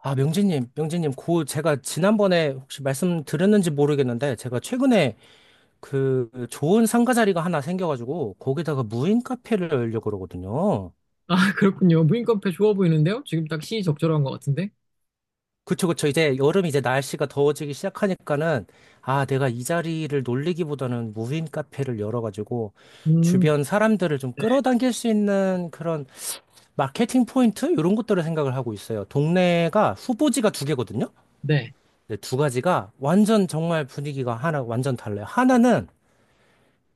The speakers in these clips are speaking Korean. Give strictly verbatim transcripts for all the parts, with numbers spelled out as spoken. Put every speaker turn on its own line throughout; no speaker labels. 아, 명진님, 명진님, 그 제가 지난번에 혹시 말씀드렸는지 모르겠는데 제가 최근에 그 좋은 상가 자리가 하나 생겨가지고 거기다가 무인 카페를 열려고 그러거든요.
아, 그렇군요. 무인 카페 좋아 보이는데요? 지금 딱 시기 적절한 것 같은데?
그쵸, 그쵸. 이제 여름 이제 날씨가 더워지기 시작하니까는 아, 내가 이 자리를 놀리기보다는 무인 카페를 열어가지고
음,
주변 사람들을 좀
네.
끌어당길 수 있는 그런 마케팅 포인트 이런 것들을 생각을 하고 있어요. 동네가 후보지가 두 개거든요.
네.
근데 두 가지가 완전 정말 분위기가 하나 완전 달라요. 하나는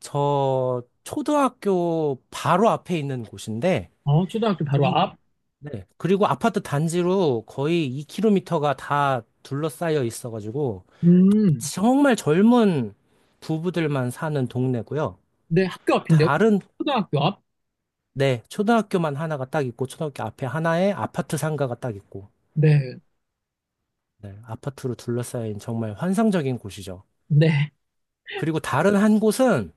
저 초등학교 바로 앞에 있는 곳인데
아, 초등학교 바로
이
앞?
네. 그리고 아파트 단지로 거의 이 킬로미터가 다 둘러싸여 있어가지고
음,
정말 젊은 부부들만 사는 동네고요.
네, 학교 앞인데요?
다른
초등학교 앞?
네, 초등학교만 하나가 딱 있고 초등학교 앞에 하나에 아파트 상가가 딱 있고
네,
네, 아파트로 둘러싸인 정말 환상적인 곳이죠.
네.
그리고 다른 한 곳은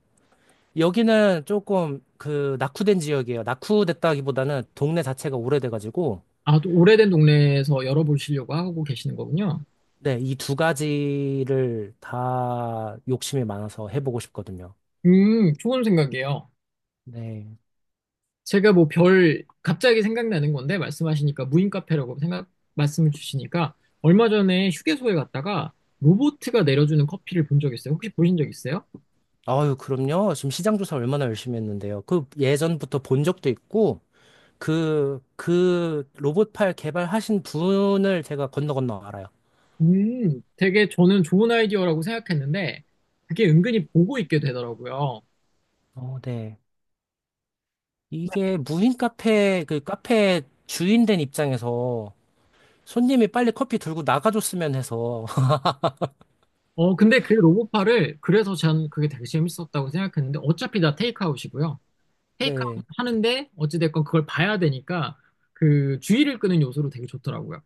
여기는 조금 그 낙후된 지역이에요. 낙후됐다기보다는 동네 자체가 오래돼가지고,
아, 또 오래된 동네에서 열어보시려고 하고 계시는 거군요.
네, 이 두 가지를 다 욕심이 많아서 해보고 싶거든요.
음, 좋은 생각이에요.
네.
제가 뭐 별, 갑자기 생각나는 건데, 말씀하시니까 무인 카페라고 생각, 말씀을 주시니까, 얼마 전에 휴게소에 갔다가 로보트가 내려주는 커피를 본 적 있어요? 혹시 보신 적 있어요?
아유, 그럼요. 지금 시장 조사 얼마나 열심히 했는데요. 그 예전부터 본 적도 있고, 그, 그 로봇팔 개발하신 분을 제가 건너 건너 알아요.
음, 되게 저는 좋은 아이디어라고 생각했는데, 그게 은근히 보고 있게 되더라고요.
어, 네. 이게 무인 카페, 그 카페 주인 된 입장에서 손님이 빨리 커피 들고 나가줬으면 해서,
어, 근데 그 로봇파를, 그래서 저는 그게 되게 재밌었다고 생각했는데, 어차피 다 테이크아웃이고요. 테이크아웃
네.
하는데, 어찌됐건 그걸 봐야 되니까, 그 주의를 끄는 요소로 되게 좋더라고요.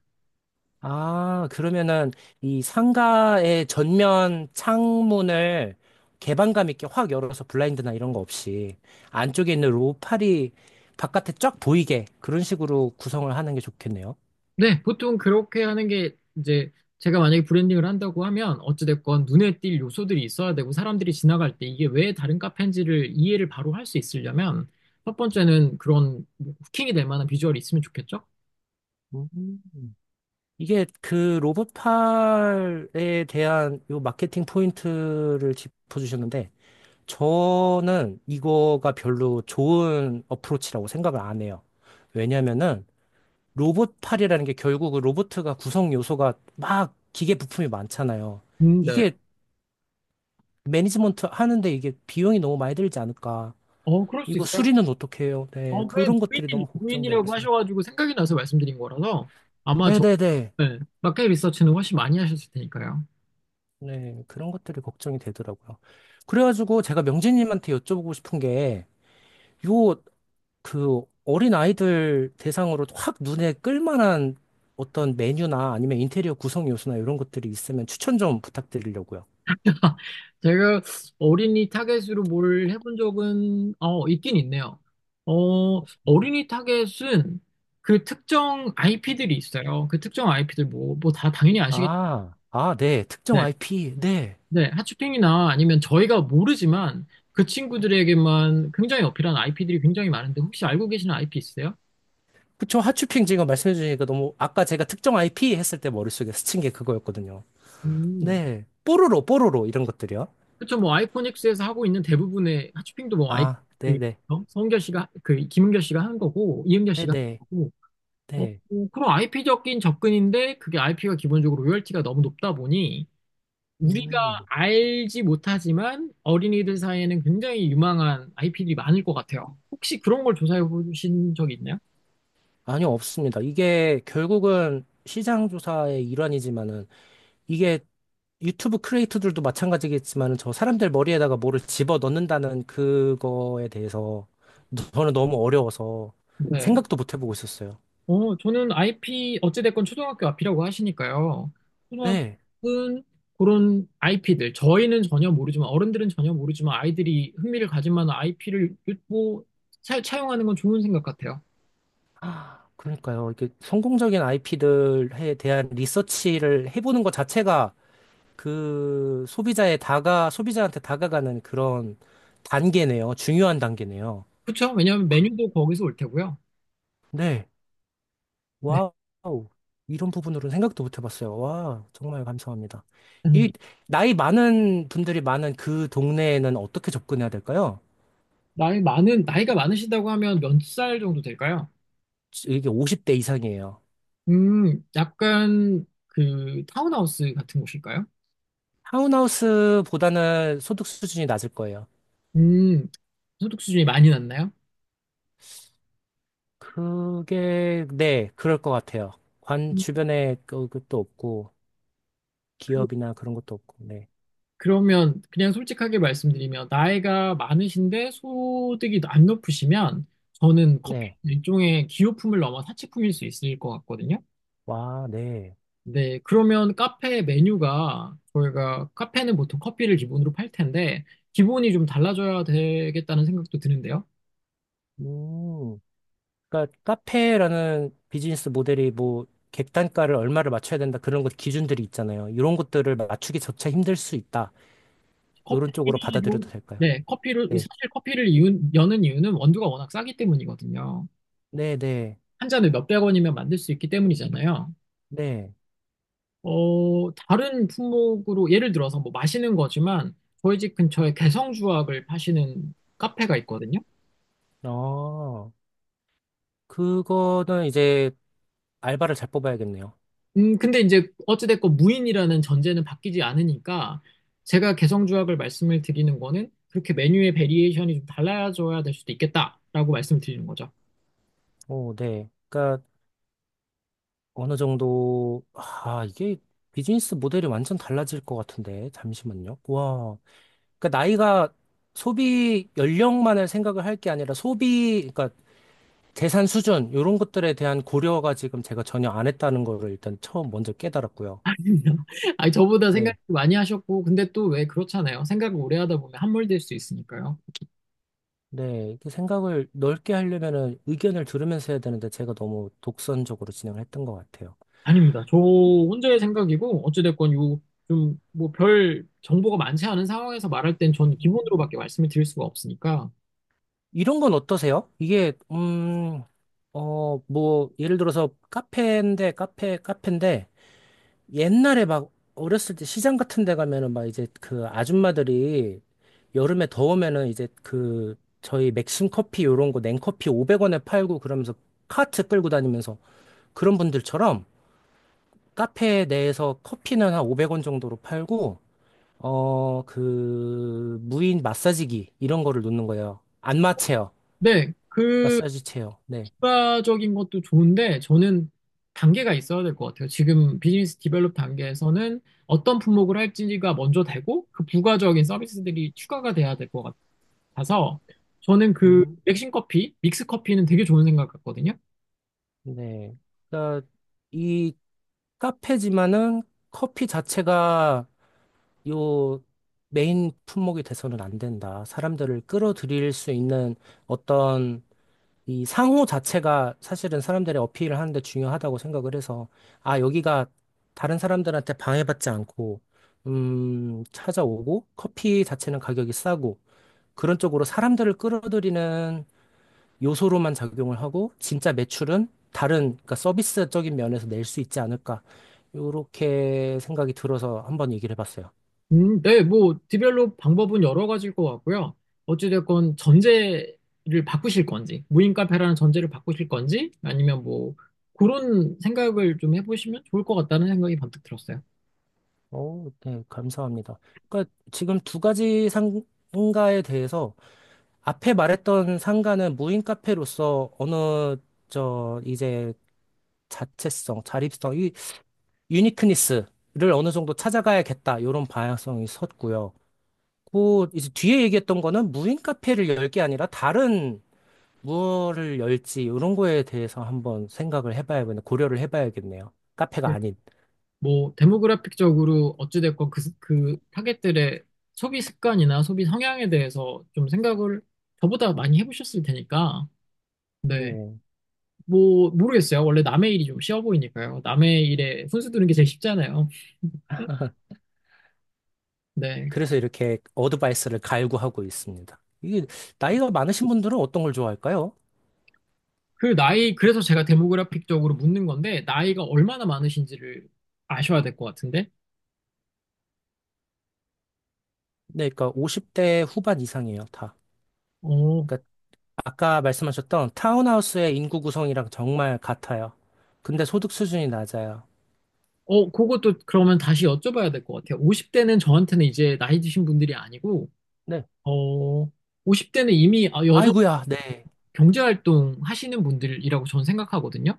아, 그러면은 이 상가의 전면 창문을 개방감 있게 확 열어서 블라인드나 이런 거 없이 안쪽에 있는 로팔이 바깥에 쫙 보이게 그런 식으로 구성을 하는 게 좋겠네요.
네, 보통 그렇게 하는 게 이제 제가 만약에 브랜딩을 한다고 하면 어찌됐건 눈에 띌 요소들이 있어야 되고 사람들이 지나갈 때 이게 왜 다른 카페인지를 이해를 바로 할 수 있으려면 첫 번째는 그런 후킹이 될 만한 비주얼이 있으면 좋겠죠?
음. 이게 그 로봇팔에 대한 요 마케팅 포인트를 짚어주셨는데 저는 이거가 별로 좋은 어프로치라고 생각을 안 해요. 왜냐면은 로봇팔이라는 게 결국 그 로봇가 구성 요소가 막 기계 부품이 많잖아요.
음, 네.
이게 매니지먼트 하는데 이게 비용이 너무 많이 들지 않을까.
어, 그럴 수
이거
있어요.
수리는 어떻게 해요?
어,
네,
왜
그런 것들이
무인,
너무
무인이라고
걱정돼서.
하셔가지고 생각이 나서 말씀드린 거라서 아마 저,
네네네.
네, 마켓 리서치는 훨씬 많이 하셨을 테니까요.
네, 그런 것들이 걱정이 되더라고요. 그래가지고 제가 명진님한테 여쭤보고 싶은 게, 요, 그, 어린 아이들 대상으로 확 눈에 끌만한 어떤 메뉴나 아니면 인테리어 구성 요소나 이런 것들이 있으면 추천 좀 부탁드리려고요.
제가 어린이 타겟으로 뭘 해본 적은 어, 있긴 있네요. 어, 어린이 타겟은 그 특정 아이피들이 있어요. 그 특정 아이피들 뭐, 뭐 다 당연히 아시겠는데,
아, 아, 네. 특정 아이피. 네.
네, 핫쇼핑이나 아니면 저희가 모르지만 그 친구들에게만 굉장히 어필한 아이피들이 굉장히 많은데 혹시 알고 계시는 아이피 있어요?
그쵸. 하추핑 지금 말씀해 주시니까 너무, 아까 제가 특정 아이피 했을 때 머릿속에 스친 게 그거였거든요.
음,
네. 뽀로로, 뽀로로, 이런 것들이요.
그쵸, 뭐 아이코닉스에서 하고 있는 대부분의 핫쇼핑도 뭐 아이,
아,
그
네네.
어? 성은결 씨가 그 김은결 씨가 한 거고 이은결
네네.
씨가
네.
한 거고
네.
어,
네.
그런 아이피적인 접근인데 그게 아이피가 기본적으로 로열티가 너무 높다 보니 우리가
음.
알지 못하지만 어린이들 사이에는 굉장히 유망한 아이피들이 많을 것 같아요. 혹시 그런 걸 조사해 보신 적 있나요?
아니요, 없습니다. 이게 결국은 시장 조사의 일환이지만은, 이게 유튜브 크리에이터들도 마찬가지겠지만은, 저 사람들 머리에다가 뭐를 집어 넣는다는 그거에 대해서 저는 너무 어려워서
네.
생각도 못 해보고 있었어요.
어, 저는 아이피 어찌됐건 초등학교 앞이라고 하시니까요.
네.
초등학교는 그런 아이피들 저희는 전혀 모르지만 어른들은 전혀 모르지만 아이들이 흥미를 가질 만한 아이피를 뭐 차- 차용하는 건 좋은 생각 같아요.
아, 그러니까요. 이게 성공적인 아이피들에 대한 리서치를 해보는 것 자체가 그 소비자의 다가, 소비자한테 다가가는 그런 단계네요. 중요한 단계네요.
그렇죠? 왜냐하면
그,
메뉴도 거기서 올 테고요.
네.
네.
와우. 이런 부분으로는 생각도 못 해봤어요. 와, 정말 감사합니다. 이
아닙니다.
나이 많은 분들이 많은 그 동네에는 어떻게 접근해야 될까요?
나이 많은, 나이가 많으시다고 하면 몇 살 정도 될까요?
이게 오십 대 이상이에요.
음, 약간 그 타운하우스 같은 곳일까요?
타운하우스보다는 소득 수준이 낮을 거예요.
음, 소득 수준이 많이 낮나요?
그게, 네, 그럴 것 같아요. 관
음,
주변에 그- 그것도 없고,
그,
기업이나 그런 것도 없고, 네.
그러면 그냥 솔직하게 말씀드리면 나이가 많으신데 소득이 안 높으시면 저는 커피
네.
일종의 기호품을 넘어 사치품일 수 있을 것 같거든요.
와, 네.
네, 그러면 카페 메뉴가 저희가 카페는 보통 커피를 기본으로 팔 텐데 기본이 좀 달라져야 되겠다는 생각도 드는데요.
음. 그러니까 카페라는 비즈니스 모델이 뭐, 객단가를 얼마를 맞춰야 된다, 그런 것 기준들이 있잖아요. 이런 것들을 맞추기 조차 힘들 수 있다.
커
이런 쪽으로
피
받아들여도
로
될까요?
네, 커피를
네.
사실 커피를 이 여는 이유는 원두가 워낙 싸기 때문이거든요.
네, 네,
한 잔에 몇백 원이면 만들 수 있기 때문이잖아요.
네.
어, 다른 품목으로 예를 들어서 뭐 마시는 거지만 저희 집 근처에 개성주악을 파시는 카페가 있거든요.
어, 그거는 이제 알바를 잘 뽑아야겠네요.
음, 근데 이제 어찌됐건 무인이라는 전제는 바뀌지 않으니까 제가 개성주악을 말씀을 드리는 거는 그렇게 메뉴의 베리에이션이 좀 달라져야 될 수도 있겠다라고 말씀을 드리는 거죠.
오, 네. 그러니까 어느 정도, 아, 이게 비즈니스 모델이 완전 달라질 것 같은데, 잠시만요. 와, 그러니까 나이가 소비 연령만을 생각을 할 게 아니라 소비, 그러니까 재산 수준, 이런 것들에 대한 고려가 지금 제가 전혀 안 했다는 거를 일단 처음 먼저 깨달았고요.
아닙니다. 아니, 저보다 생각
네.
많이 하셨고, 근데 또 왜 그렇잖아요. 생각을 오래 하다 보면 함몰될 수 있으니까요.
네, 이렇게 생각을 넓게 하려면은 의견을 들으면서 해야 되는데 제가 너무 독선적으로 진행을 했던 것 같아요.
아닙니다. 저 혼자의 생각이고, 어찌됐건 요, 좀, 뭐, 별 정보가 많지 않은 상황에서 말할 땐 전 기본으로밖에 말씀을 드릴 수가 없으니까.
이런 건 어떠세요? 이게 음, 어, 뭐 예를 들어서 카페인데 카페 카페인데 옛날에 막 어렸을 때 시장 같은 데 가면은 막 이제 그 아줌마들이 여름에 더우면은 이제 그 저희 맥심 커피 요런 거 냉커피 오백 원에 팔고 그러면서 카트 끌고 다니면서 그런 분들처럼 카페 내에서 커피는 한 오백 원 정도로 팔고 어, 그 무인 마사지기 이런 거를 놓는 거예요. 안마 체어,
네, 그,
마사지 체어. 네.
추가적인 것도 좋은데, 저는 단계가 있어야 될 것 같아요. 지금 비즈니스 디벨롭 단계에서는 어떤 품목을 할지가 먼저 되고, 그 부가적인 서비스들이 추가가 돼야 될 것 같아요. 가서 저는 그
음,
백신 커피, 믹스 커피는 되게 좋은 생각 같거든요.
네. 그러니까 이 카페지만은 커피 자체가 요 메인 품목이 돼서는 안 된다. 사람들을 끌어들일 수 있는 어떤 이 상호 자체가 사실은 사람들의 어필을 하는데 중요하다고 생각을 해서 아, 여기가 다른 사람들한테 방해받지 않고 음, 찾아오고 커피 자체는 가격이 싸고 그런 쪽으로 사람들을 끌어들이는 요소로만 작용을 하고 진짜 매출은 다른 그러니까 서비스적인 면에서 낼 수 있지 않을까 요렇게 생각이 들어서 한번 얘기를 해봤어요.
음, 네, 뭐 디벨롭 방법은 여러 가지일 것 같고요. 어찌됐건 전제를 바꾸실 건지, 무인 카페라는 전제를 바꾸실 건지, 아니면 뭐 그런 생각을 좀 해보시면 좋을 것 같다는 생각이 번뜩 들었어요.
오, 네, 감사합니다. 그러니까 지금 두 가지 상가에 대해서 앞에 말했던 상가는 무인 카페로서 어느 저 이제 자체성, 자립성, 이 유니크니스를 어느 정도 찾아가야겠다 이런 방향성이 섰고요. 그 이제 뒤에 얘기했던 거는 무인 카페를 열 게 아니라 다른 무엇을 열지 이런 거에 대해서 한번 생각을 해봐야겠네요. 고려를 해봐야겠네요. 카페가
네.
아닌.
뭐 데모그래픽적으로 어찌됐건 그, 그 타겟들의 소비 습관이나 소비 성향에 대해서 좀 생각을 저보다 많이 해보셨을 테니까, 네.
네.
뭐 모르겠어요. 원래 남의 일이 좀 쉬워 보이니까요. 남의 일에 훈수 두는 게 제일 쉽잖아요. 네.
그래서 이렇게 어드바이스를 갈구하고 있습니다. 이게 나이가 많으신 분들은 어떤 걸 좋아할까요?
그 나이, 그래서 제가 데모그래픽적으로 묻는 건데, 나이가 얼마나 많으신지를 아셔야 될 것 같은데?
네, 그러니까 오십 대 후반 이상이에요, 다.
어,
그러니까 아까 말씀하셨던 타운하우스의 인구 구성이랑 정말 같아요. 근데 소득 수준이 낮아요.
어, 그것도 그러면 다시 여쭤봐야 될 것 같아요. 오십 대는 저한테는 이제 나이 드신 분들이 아니고,
네.
어, 오십 대는 이미 아, 여전
아이고야, 네.
경제활동 하시는 분들이라고 저는 생각하거든요.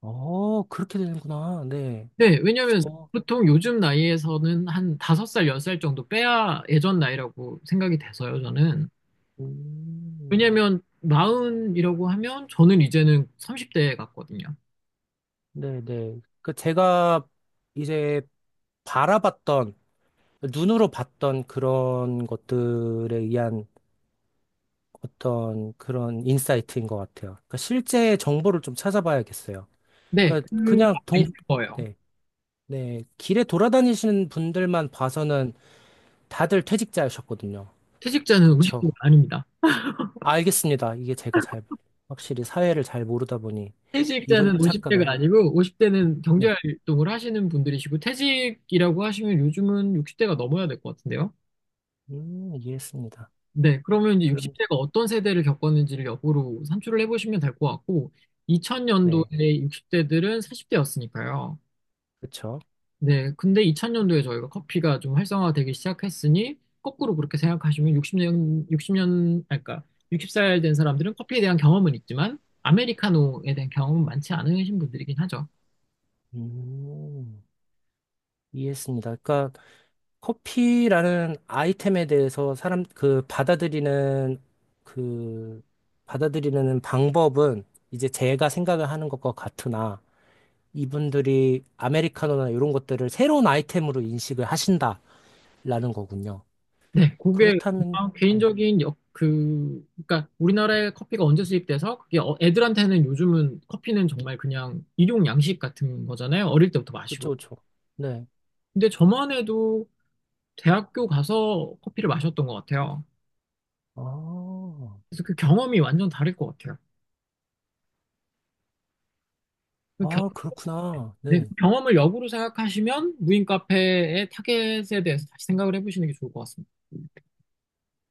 어, 그렇게 되는구나. 네.
네, 왜냐면
저,
보통 요즘 나이에서는 한 다섯 살, 열 살 정도 빼야 예전 나이라고 생각이 돼서요, 저는.
음.
왜냐면 마흔이라고 하면 저는 이제는 삼십 대 같거든요.
네네. 그 제가 이제 바라봤던, 눈으로 봤던 그런 것들에 의한 어떤 그런 인사이트인 것 같아요. 그러니까 실제 정보를 좀 찾아봐야겠어요.
네,
그러니까
그 아마
그냥 동,
있을 거예요.
네, 네. 길에 돌아다니시는 분들만 봐서는 다들 퇴직자셨거든요.
퇴직자는
그쵸.
오십 대가 아닙니다.
알겠습니다. 이게 제가 잘, 확실히 사회를 잘 모르다 보니 이런
퇴직자는
착각을, 하...
오십 대가 아니고 오십 대는
네.
경제활동을 하시는 분들이시고 퇴직이라고 하시면 요즘은 육십 대가 넘어야 될 것 같은데요.
음, 이해했습니다.
네, 그러면 이제
그럼,
육십 대가 어떤 세대를 겪었는지를 역으로 산출을 해보시면 될 것 같고,
네.
이천 년도에 육십 대들은 사십 대였으니까요.
그쵸.
네, 근데 이천 년도에 저희가 커피가 좀 활성화되기 시작했으니, 거꾸로 그렇게 생각하시면 육십 년, 육십 년, 아니, 그러니까 예순 살 된 사람들은 커피에 대한 경험은 있지만, 아메리카노에 대한 경험은 많지 않으신 분들이긴 하죠.
음, 이해했습니다. 그러니까 커피라는 아이템에 대해서 사람 그 받아들이는 그 받아들이는 방법은 이제 제가 생각을 하는 것과 같으나 이분들이 아메리카노나 이런 것들을 새로운 아이템으로 인식을 하신다라는 거군요.
네, 그게
그렇다면
그냥
네,
개인적인 역, 그, 그러니까 우리나라에 커피가 언제 수입돼서 그게 어- 애들한테는 요즘은 커피는 정말 그냥 일용 양식 같은 거잖아요. 어릴 때부터 마시고.
그렇죠, 그렇죠. 네.
근데 저만 해도 대학교 가서 커피를 마셨던 것 같아요.
아,
그래서 그 경험이 완전 다를 것 같아요. 그 겨-
아 그렇구나.
네, 그
네,
경험을 역으로 생각하시면 무인 카페의 타겟에 대해서 다시 생각을 해보시는 게 좋을 것 같습니다.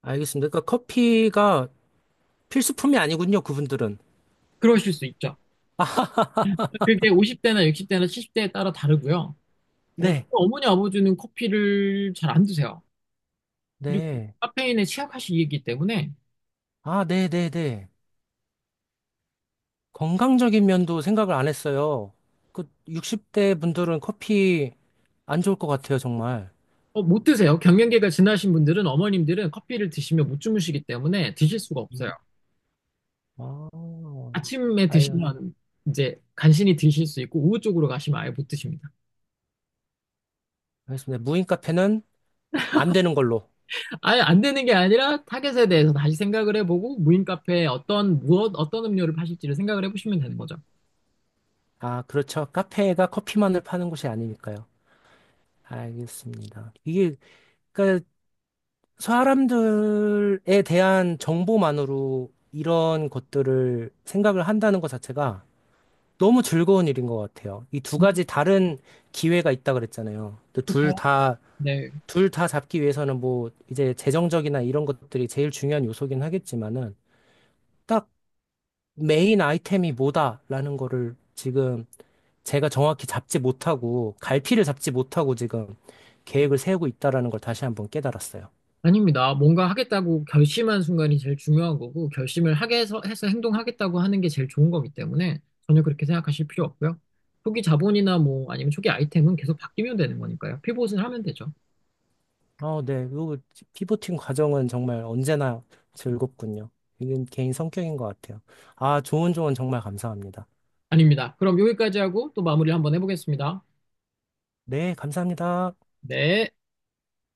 알겠습니다. 그러니까 커피가 필수품이 아니군요, 그분들은.
그러실 수 있죠. 그게 오십 대나 육십 대나 칠십 대에 따라 다르고요. 어, 저희
네,
어머니 아버지는 커피를 잘 안 드세요. 그리고
네.
카페인에 취약하시기 때문에
아, 네네네. 건강적인 면도 생각을 안 했어요. 그 육십 대 분들은 커피 안 좋을 것 같아요, 정말.
어, 못 드세요. 경련기가 지나신 분들은 어머님들은 커피를 드시면 못 주무시기 때문에 드실 수가 없어요.
음. 아,
아침에
아유,
드시면 이제 간신히 드실 수 있고 오후 쪽으로 가시면 아예 못 드십니다.
알겠습니다. 무인 카페는 안 되는 걸로.
아예 안 되는 게 아니라 타겟에 대해서 다시 생각을 해보고 무인 카페에 어떤 무엇 어떤 음료를 파실지를 생각을 해보시면 되는 거죠.
아, 그렇죠. 카페가 커피만을 파는 곳이 아니니까요. 알겠습니다. 이게, 그러니까 사람들에 대한 정보만으로 이런 것들을 생각을 한다는 것 자체가 너무 즐거운 일인 것 같아요. 이 두
음.
가지 다른 기회가 있다 그랬잖아요. 둘 다,
네.
둘 다 잡기 위해서는 뭐 이제 재정적이나 이런 것들이 제일 중요한 요소긴 하겠지만은 딱 메인 아이템이 뭐다라는 거를 지금 제가 정확히 잡지 못하고 갈피를 잡지 못하고 지금 계획을 세우고 있다라는 걸 다시 한번 깨달았어요.
아닙니다. 뭔가 하겠다고 결심한 순간이 제일 중요한 거고, 결심을 하게 해서, 해서 행동하겠다고 하는 게 제일 좋은 거기 때문에 전혀 그렇게 생각하실 필요 없고요. 초기 자본이나 뭐 아니면 초기 아이템은 계속 바뀌면 되는 거니까요. 피봇을 하면 되죠.
어, 네. 요 피보팅 과정은 정말 언제나 즐겁군요. 이건 개인 성격인 것 같아요. 아, 좋은 조언 정말 감사합니다.
아닙니다. 그럼 여기까지 하고 또 마무리 한번 해보겠습니다.
네, 감사합니다.
네.